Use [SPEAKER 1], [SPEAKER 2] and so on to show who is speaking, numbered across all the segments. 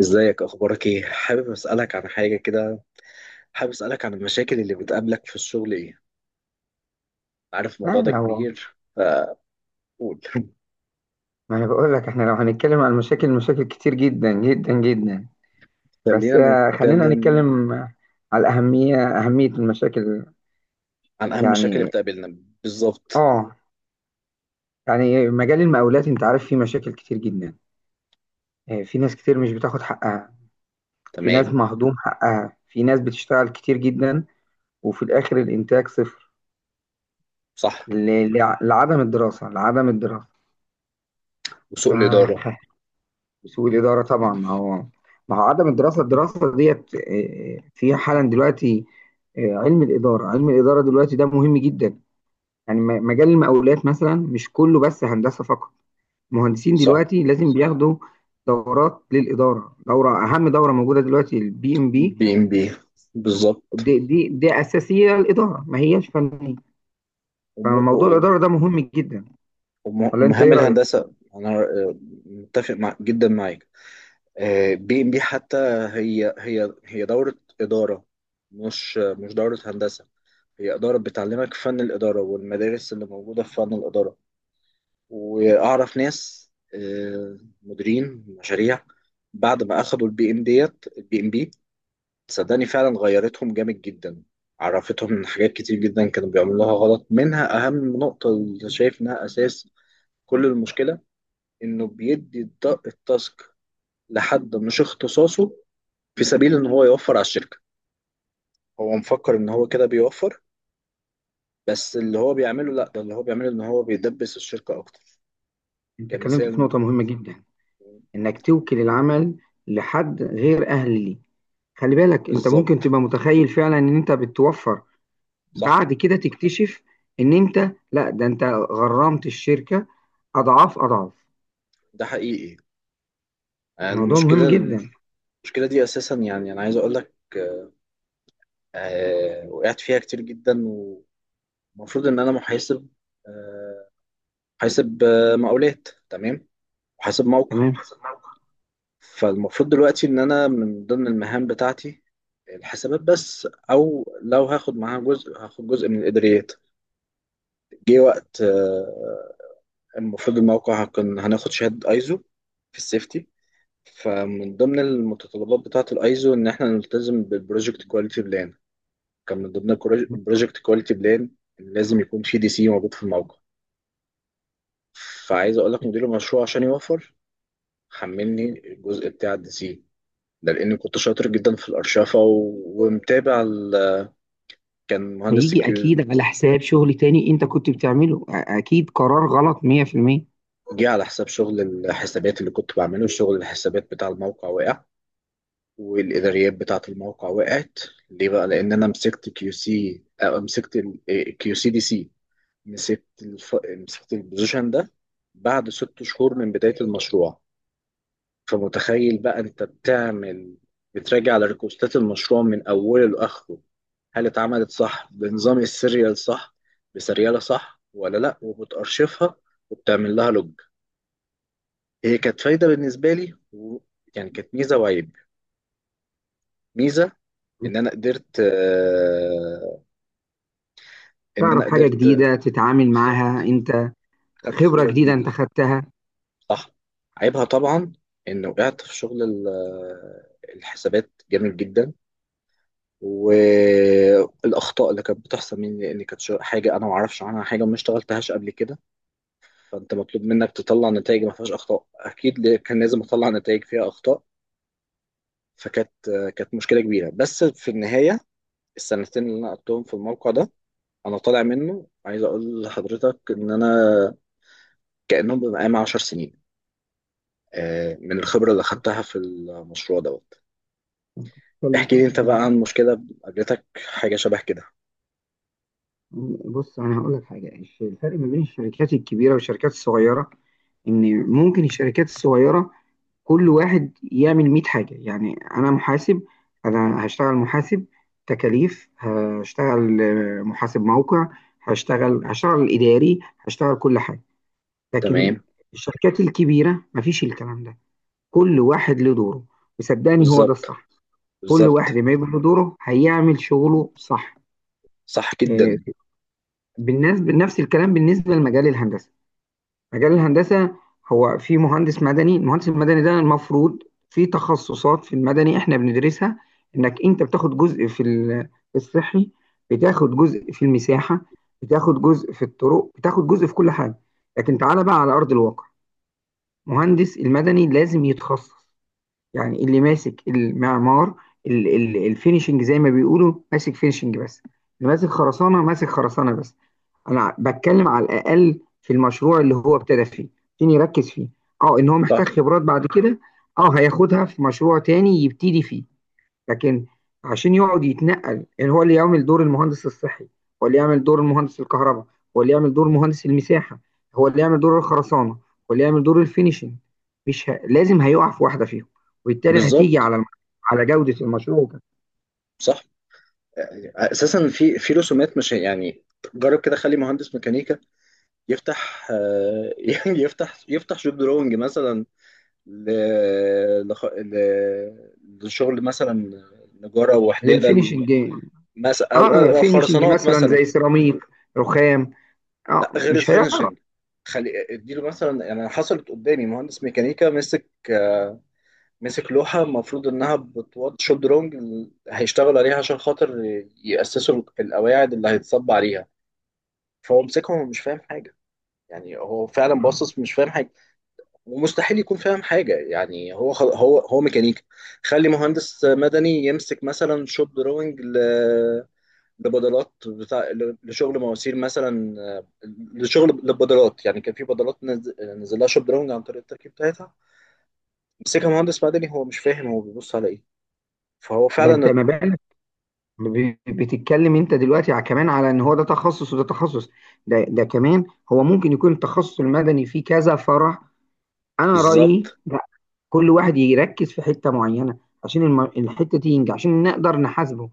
[SPEAKER 1] ازيك، اخبارك ايه؟ حابب اسالك عن حاجه كده. حابب اسالك عن المشاكل اللي بتقابلك في الشغل ايه؟ عارف
[SPEAKER 2] لا
[SPEAKER 1] الموضوع ده
[SPEAKER 2] لو.
[SPEAKER 1] كبير فقول.
[SPEAKER 2] ما انا بقول لك احنا لو هنتكلم عن المشاكل مشاكل كتير جدا جدا جدا. بس
[SPEAKER 1] خلينا
[SPEAKER 2] خلينا
[SPEAKER 1] نتكلم
[SPEAKER 2] نتكلم على الأهمية أهمية المشاكل.
[SPEAKER 1] عن اهم المشاكل اللي
[SPEAKER 2] يعني
[SPEAKER 1] بتقابلنا بالظبط.
[SPEAKER 2] اه يعني مجال المقاولات انت عارف فيه مشاكل كتير جدا. في ناس كتير مش بتاخد حقها، في ناس
[SPEAKER 1] تمام.
[SPEAKER 2] مهضوم حقها، في ناس بتشتغل كتير جدا وفي الآخر الإنتاج صفر.
[SPEAKER 1] صح.
[SPEAKER 2] لعدم الدراسة،
[SPEAKER 1] وسوء الاداره.
[SPEAKER 2] الدراسة سوء الإدارة طبعا. ما هو ما هو عدم الدراسة. الدراسة ديت في حالا دلوقتي. علم الإدارة، علم الإدارة دلوقتي ده مهم جدا. يعني مجال المقاولات مثلا مش كله بس هندسة فقط. مهندسين
[SPEAKER 1] صح.
[SPEAKER 2] دلوقتي لازم بياخدوا دورات للإدارة. دورة أهم دورة موجودة دلوقتي البي إم بي.
[SPEAKER 1] بي ام بي. بالظبط.
[SPEAKER 2] دي أساسية للإدارة، ما هياش فنية.
[SPEAKER 1] وم-
[SPEAKER 2] فموضوع
[SPEAKER 1] و-
[SPEAKER 2] الإدارة ده مهم جدا. ولا أنت
[SPEAKER 1] ومهام
[SPEAKER 2] إيه رأيك؟
[SPEAKER 1] الهندسه انا متفق مع جدا معاك. بي ام بي حتى هي دوره اداره، مش دوره هندسه. هي إدارة بتعلمك فن الإدارة والمدارس اللي موجودة في فن الإدارة. وأعرف ناس مديرين مشاريع بعد ما أخدوا البي إم بي. صدقني فعلا غيرتهم جامد جدا. عرفتهم إن حاجات كتير جدا كانوا بيعملوها غلط، منها أهم نقطة اللي شايف إنها أساس كل المشكلة، إنه بيدي التاسك لحد مش اختصاصه في سبيل إن هو يوفر على الشركة. هو مفكر إن هو كده بيوفر، بس اللي هو بيعمله، لا، ده اللي هو بيعمله إن هو بيدبس الشركة أكتر.
[SPEAKER 2] أنت اتكلمت في
[SPEAKER 1] كمثال،
[SPEAKER 2] نقطة مهمة جدا. إنك توكل العمل لحد غير أهل ليه. خلي بالك انت ممكن
[SPEAKER 1] بالظبط.
[SPEAKER 2] تبقى متخيل فعلا ان انت بتوفر،
[SPEAKER 1] صح.
[SPEAKER 2] بعد كده تكتشف ان انت، لا ده انت غرمت الشركة اضعاف اضعاف.
[SPEAKER 1] ده حقيقي.
[SPEAKER 2] موضوع مهم
[SPEAKER 1] المشكلة،
[SPEAKER 2] جدا.
[SPEAKER 1] المشكلة دي أساسا يعني أنا عايز أقول لك وقعت فيها كتير جدا. ومفروض إن أنا محاسب، آه، محاسب مقاولات، تمام، محاسب موقع.
[SPEAKER 2] تمام.
[SPEAKER 1] فالمفروض دلوقتي إن أنا من ضمن المهام بتاعتي الحسابات بس، أو لو هاخد معاها جزء هاخد جزء من الإداريات. جه وقت المفروض الموقع هكون هناخد شهادة أيزو في السيفتي. فمن ضمن المتطلبات بتاعة الايزو ان احنا نلتزم بالبروجكت كواليتي بلان. كان من ضمن البروجكت كواليتي بلان لازم يكون في دي سي موجود في الموقع. فعايز اقول لك مدير المشروع عشان يوفر، حملني الجزء بتاع الدي سي ده لان كنت شاطر جدا في الارشفه ومتابع ال... كان مهندس
[SPEAKER 2] هيجي
[SPEAKER 1] الكيو،
[SPEAKER 2] اكيد على حساب شغل تاني انت كنت بتعمله. اكيد قرار غلط 100%.
[SPEAKER 1] جه على حساب شغل الحسابات اللي كنت بعمله. شغل الحسابات بتاع الموقع وقع والاداريات بتاعه الموقع وقعت. ليه بقى؟ لان انا مسكت كيو سي، مسكت كيو سي دي سي، مسكت الف... مسكت البوزيشن ده بعد 6 شهور من بداية المشروع. فمتخيل بقى انت بتعمل، بتراجع على ريكوستات المشروع من اوله لاخره، هل اتعملت صح بنظام السيريال؟ صح بسريالة صح ولا لا، وبتأرشفها وبتعمل لها لوج. هي كانت فايدة بالنسبة لي و... يعني كانت ميزة وعيب. ميزة ان انا قدرت ان انا
[SPEAKER 2] تعرف حاجة
[SPEAKER 1] قدرت.
[SPEAKER 2] جديدة تتعامل معاها
[SPEAKER 1] بالظبط.
[SPEAKER 2] انت.
[SPEAKER 1] خدت
[SPEAKER 2] خبرة
[SPEAKER 1] خبرة
[SPEAKER 2] جديدة انت
[SPEAKER 1] جديدة.
[SPEAKER 2] خدتها.
[SPEAKER 1] صح. عيبها طبعا ان وقعت في شغل الحسابات جامد جدا، والاخطاء اللي كانت بتحصل مني لان كانت حاجه انا ما اعرفش عنها حاجه وما اشتغلتهاش قبل كده. فانت مطلوب منك تطلع نتائج ما فيهاش اخطاء، اكيد كان لازم اطلع نتائج فيها اخطاء. فكانت كانت مشكله كبيره، بس في النهايه السنتين اللي انا قضيتهم في الموقع ده انا طالع منه، عايز اقول لحضرتك ان انا كانهم بقى معايا 10 سنين من الخبره اللي اخدتها في المشروع ده.
[SPEAKER 2] اتكلم
[SPEAKER 1] احكي لي
[SPEAKER 2] صح
[SPEAKER 1] انت بقى
[SPEAKER 2] جدا.
[SPEAKER 1] عن مشكلة قابلتك حاجة شبه كده.
[SPEAKER 2] بص انا هقول لك حاجة، الفرق ما بين الشركات الكبيرة والشركات الصغيرة ان ممكن الشركات الصغيرة كل واحد يعمل 100 حاجة. يعني أنا محاسب، أنا هشتغل محاسب تكاليف، هشتغل محاسب موقع، هشتغل إداري، هشتغل كل حاجة. لكن
[SPEAKER 1] تمام.
[SPEAKER 2] الشركات الكبيرة مفيش الكلام ده، كل واحد له دوره. وصدقني هو ده
[SPEAKER 1] بالظبط،
[SPEAKER 2] الصح. كل واحد
[SPEAKER 1] بالظبط.
[SPEAKER 2] ما يبقى له دوره هيعمل شغله صح.
[SPEAKER 1] صح
[SPEAKER 2] آه،
[SPEAKER 1] جدا.
[SPEAKER 2] بالنسبة، نفس الكلام بالنسبة لمجال الهندسة. مجال الهندسة هو في مهندس مدني، المهندس المدني ده المفروض في تخصصات في المدني احنا بندرسها، انك انت بتاخد جزء في في الصحي، بتاخد جزء في المساحة، بتاخد جزء في الطرق، بتاخد جزء في كل حاجة. لكن تعالى بقى على أرض الواقع، مهندس المدني لازم يتخصص. يعني اللي ماسك المعمار، الفينيشنج زي ما بيقولوا ماسك فينيشنج بس، اللي ماسك خرسانه ماسك خرسانه بس. انا بتكلم على الاقل في المشروع اللي هو ابتدى فيه عشان يركز فيه. اه ان هو
[SPEAKER 1] صح.
[SPEAKER 2] محتاج خبرات بعد كده، اه هياخدها في مشروع تاني يبتدي فيه. لكن عشان يقعد يتنقل يعني هو اللي يعمل دور المهندس الصحي، هو اللي يعمل دور المهندس الكهرباء، هو اللي يعمل دور مهندس المساحة، هو اللي يعمل دور الخرسانة، هو اللي يعمل دور الفينيشنج، مش ه... لازم هيقع في واحدة فيهم، وبالتالي
[SPEAKER 1] بالظبط.
[SPEAKER 2] على جودة المشروع كده.
[SPEAKER 1] صح. يعني اساسا في رسومات، مش يعني، جرب كده خلي مهندس ميكانيكا يفتح يعني يفتح شوب دروينج مثلا ل... لخ... ل... لشغل مثلا نجارة وحدادة،
[SPEAKER 2] للفينيشنج. اه
[SPEAKER 1] مثلا
[SPEAKER 2] فينيشنج
[SPEAKER 1] خرسانات
[SPEAKER 2] مثلا
[SPEAKER 1] مثلا.
[SPEAKER 2] زي سيراميك، رخام. اه
[SPEAKER 1] لا، غير
[SPEAKER 2] مش هيعرف.
[SPEAKER 1] الفينشنج. خلي اديله مثلا، يعني حصلت قدامي مهندس ميكانيكا مسك مسك لوحة المفروض إنها بتوض شوب درونج هيشتغلوا عليها عشان خاطر يأسسوا القواعد اللي هيتصب عليها. فهو مسكهم ومش فاهم حاجة، يعني هو فعلا باصص مش فاهم حاجة، ومستحيل يكون فاهم حاجة، يعني هو خل... هو ميكانيكا. خلي مهندس مدني يمسك مثلا شوب درونج ل... لبدلات بتاع لشغل مواسير مثلا لشغل للبدلات. يعني كان في بدلات نز... نزل لها شوب درونج عن طريق التركيب بتاعتها، مسكها مهندس مدني هو مش فاهم هو بيبص على ايه. فهو
[SPEAKER 2] ده انت
[SPEAKER 1] فعلا
[SPEAKER 2] مبالغ. بتتكلم انت دلوقتي كمان على ان هو ده تخصص وده تخصص. ده كمان هو ممكن يكون التخصص المدني فيه كذا فرع. انا رأيي
[SPEAKER 1] بالظبط.
[SPEAKER 2] كل واحد يركز في حتة معينة، عشان الحتة دي ينجح عشان نقدر نحاسبه.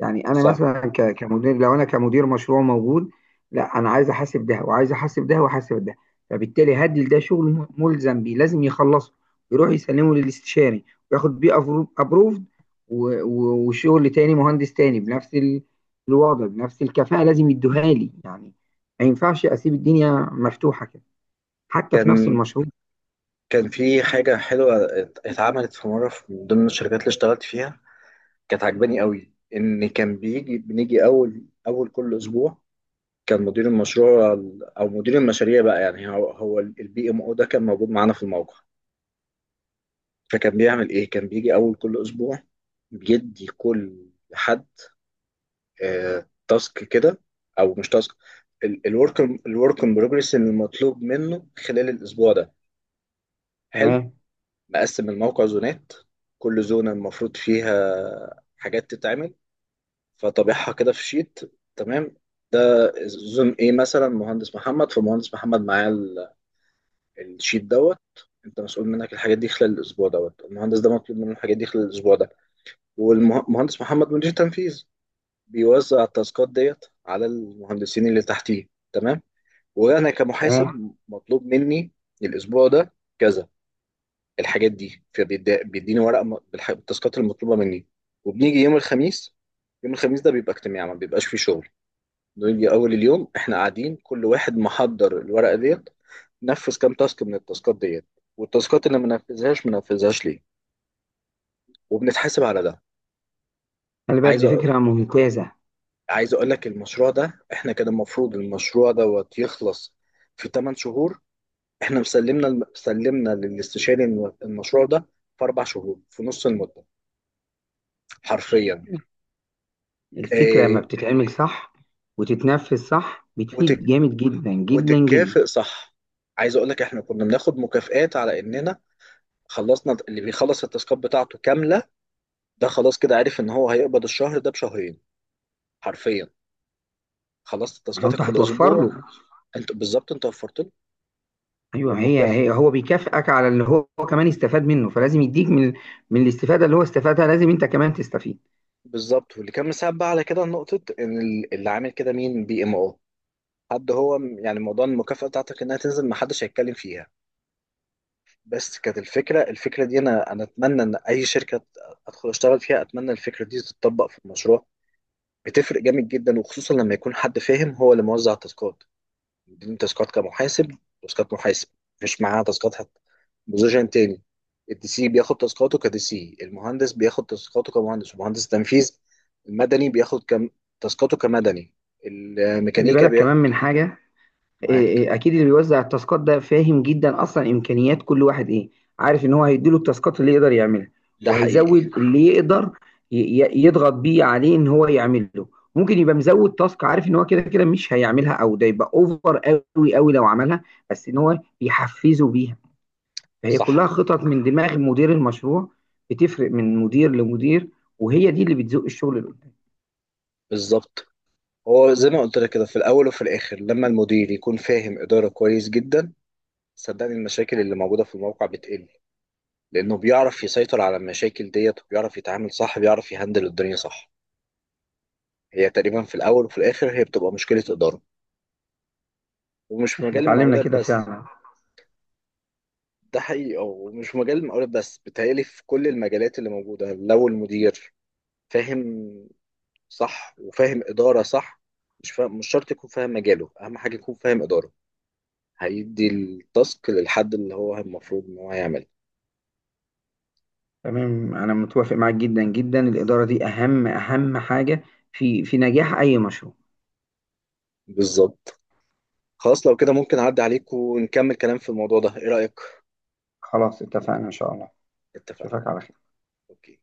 [SPEAKER 2] يعني أنا
[SPEAKER 1] صح.
[SPEAKER 2] مثلا كمدير، لو أنا كمدير مشروع موجود، لا أنا عايز أحاسب ده وعايز أحاسب ده وأحاسب ده. فبالتالي هدي لده شغل ملزم بيه لازم يخلصه، يروح يسلمه للاستشاري وياخد بيه أبروفد. وشغل تاني مهندس تاني بنفس الوضع بنفس الكفاءة لازم يدوها لي يعني. ما ينفعش أسيب الدنيا مفتوحة كده حتى في نفس
[SPEAKER 1] كان
[SPEAKER 2] المشروع.
[SPEAKER 1] كان في حاجة حلوة اتعملت في مرة من ضمن الشركات اللي اشتغلت فيها، كانت عجباني قوي. إن كان بيجي بنيجي أول كل أسبوع، كان مدير المشروع أو مدير المشاريع بقى يعني، هو هو البي ام او ده كان موجود معانا في الموقع. فكان بيعمل إيه؟ كان بيجي أول كل أسبوع بيدي كل حد تاسك كده، أو مش تاسك، الورك ان بروجرس المطلوب منه خلال الأسبوع ده. حلو.
[SPEAKER 2] تمام
[SPEAKER 1] مقسم الموقع زونات، كل زونة المفروض فيها حاجات تتعمل، فطابعها كده في شيت. تمام. ده زون ايه مثلا، مهندس محمد، فمهندس محمد معاه الشيت دوت، انت مسؤول منك الحاجات دي خلال الاسبوع دوت، المهندس ده مطلوب منه الحاجات دي خلال الاسبوع ده. والمهندس محمد مدير تنفيذ بيوزع التاسكات ديت على المهندسين اللي تحتيه. تمام. وانا
[SPEAKER 2] تمام.
[SPEAKER 1] كمحاسب مطلوب مني الاسبوع ده كذا، الحاجات دي، فبيديني ورق بالتاسكات المطلوبه مني. وبنيجي يوم الخميس، يوم الخميس ده بيبقى اجتماع ما بيبقاش فيه شغل، نيجي اول اليوم احنا قاعدين كل واحد محضر الورقه ديت، نفذ كام تاسك من التاسكات ديت، والتاسكات اللي ما نفذهاش ما نفذهاش ليه، وبنتحاسب على ده.
[SPEAKER 2] خلي بالك
[SPEAKER 1] عايز
[SPEAKER 2] دي
[SPEAKER 1] أ...
[SPEAKER 2] فكرة ممتازة.
[SPEAKER 1] عايز اقول لك المشروع ده احنا كان المفروض المشروع دوت يخلص في 8 شهور، احنا مسلمنا سلمنا للاستشاري المشروع ده في 4 شهور، في نص المده، حرفيا.
[SPEAKER 2] الفكرة لما
[SPEAKER 1] إيه...
[SPEAKER 2] بتتعمل صح وتتنفذ صح بتفيد جامد جدا جدا جدا.
[SPEAKER 1] وتتكافئ صح. عايز اقول لك احنا كنا بناخد مكافآت على اننا خلصنا، اللي بيخلص التاسكات بتاعته كامله ده خلاص كده عارف ان هو هيقبض الشهر ده بشهرين، حرفيا. خلصت
[SPEAKER 2] ما هو انت
[SPEAKER 1] تاسكاتك في
[SPEAKER 2] هتوفر له.
[SPEAKER 1] الاسبوع، انت بالظبط، انت وفرت له
[SPEAKER 2] ايوه هي
[SPEAKER 1] والمكافأة
[SPEAKER 2] هو بيكافئك على اللي هو هو كمان استفاد منه، فلازم يديك من، من الاستفادة اللي هو استفادها لازم انت كمان تستفيد.
[SPEAKER 1] بالظبط. واللي كان مساعد بقى على كده نقطه ان اللي عامل كده مين؟ بي ام او، حد هو يعني موضوع المكافأة بتاعتك انها تنزل ما حدش هيتكلم فيها. بس كانت الفكره، الفكره دي انا اتمنى ان اي شركه ادخل اشتغل فيها اتمنى الفكره دي تتطبق في المشروع. بتفرق جامد جدا، وخصوصا لما يكون حد فاهم هو اللي موزع التاسكات، مديني تاسكات كمحاسب، تاسكات محاسب، مفيش معاه تاسكات حتى بوزيشن تاني. الدي سي بياخد تاسكاته كدي سي، المهندس بياخد تاسكاته كمهندس، ومهندس تنفيذ المدني بياخد كم تاسكاته كمدني،
[SPEAKER 2] خلي
[SPEAKER 1] الميكانيكا
[SPEAKER 2] بالك كمان
[SPEAKER 1] بياخد.
[SPEAKER 2] من حاجة.
[SPEAKER 1] معاك.
[SPEAKER 2] إيه- اكيد اللي بيوزع التاسكات ده فاهم جدا اصلا امكانيات كل واحد ايه، عارف ان هو هيديله التاسكات اللي يقدر يعملها،
[SPEAKER 1] ده حقيقي.
[SPEAKER 2] وهيزود اللي يقدر ي- يضغط بيه عليه ان هو يعمله. ممكن يبقى مزود تاسك عارف ان هو كده كده مش هيعملها او ده يبقى اوفر قوي قوي لو عملها، بس ان هو بيحفزه بيها. فهي
[SPEAKER 1] صح.
[SPEAKER 2] كلها خطط من دماغ مدير المشروع، بتفرق من مدير لمدير، وهي دي اللي بتزق الشغل اللي قدام.
[SPEAKER 1] بالظبط. هو زي ما قلت لك كده، في الاول وفي الاخر لما المدير يكون فاهم اداره كويس جدا، صدقني المشاكل اللي موجوده في الموقع بتقل، لأنه بيعرف يسيطر على المشاكل ديت وبيعرف يتعامل صح، بيعرف يهندل الدنيا صح. هي تقريبا في الأول وفي الآخر هي بتبقى مشكلة إدارة، ومش في
[SPEAKER 2] احنا
[SPEAKER 1] مجال
[SPEAKER 2] اتعلمنا
[SPEAKER 1] المقاولات
[SPEAKER 2] كده
[SPEAKER 1] بس.
[SPEAKER 2] فعلا.
[SPEAKER 1] ده حقيقي، ومش في مجال المقاولات بس، بيتهيألي في كل المجالات اللي موجودة لو المدير فاهم صح وفاهم إدارة صح. مش فاهم، مش شرط يكون فاهم مجاله، أهم حاجة يكون فاهم إدارة، هيدي التاسك للحد اللي هو المفروض إن هو يعمله.
[SPEAKER 2] تمام انا متوافق معاك جدا جدا، الاداره دي اهم اهم حاجه في في نجاح اي مشروع.
[SPEAKER 1] بالظبط. خلاص لو كده ممكن أعدي عليك ونكمل كلام في الموضوع ده، إيه رأيك؟
[SPEAKER 2] خلاص اتفقنا ان شاء الله.
[SPEAKER 1] اتفقنا.
[SPEAKER 2] اشوفك على خير.
[SPEAKER 1] أوكي.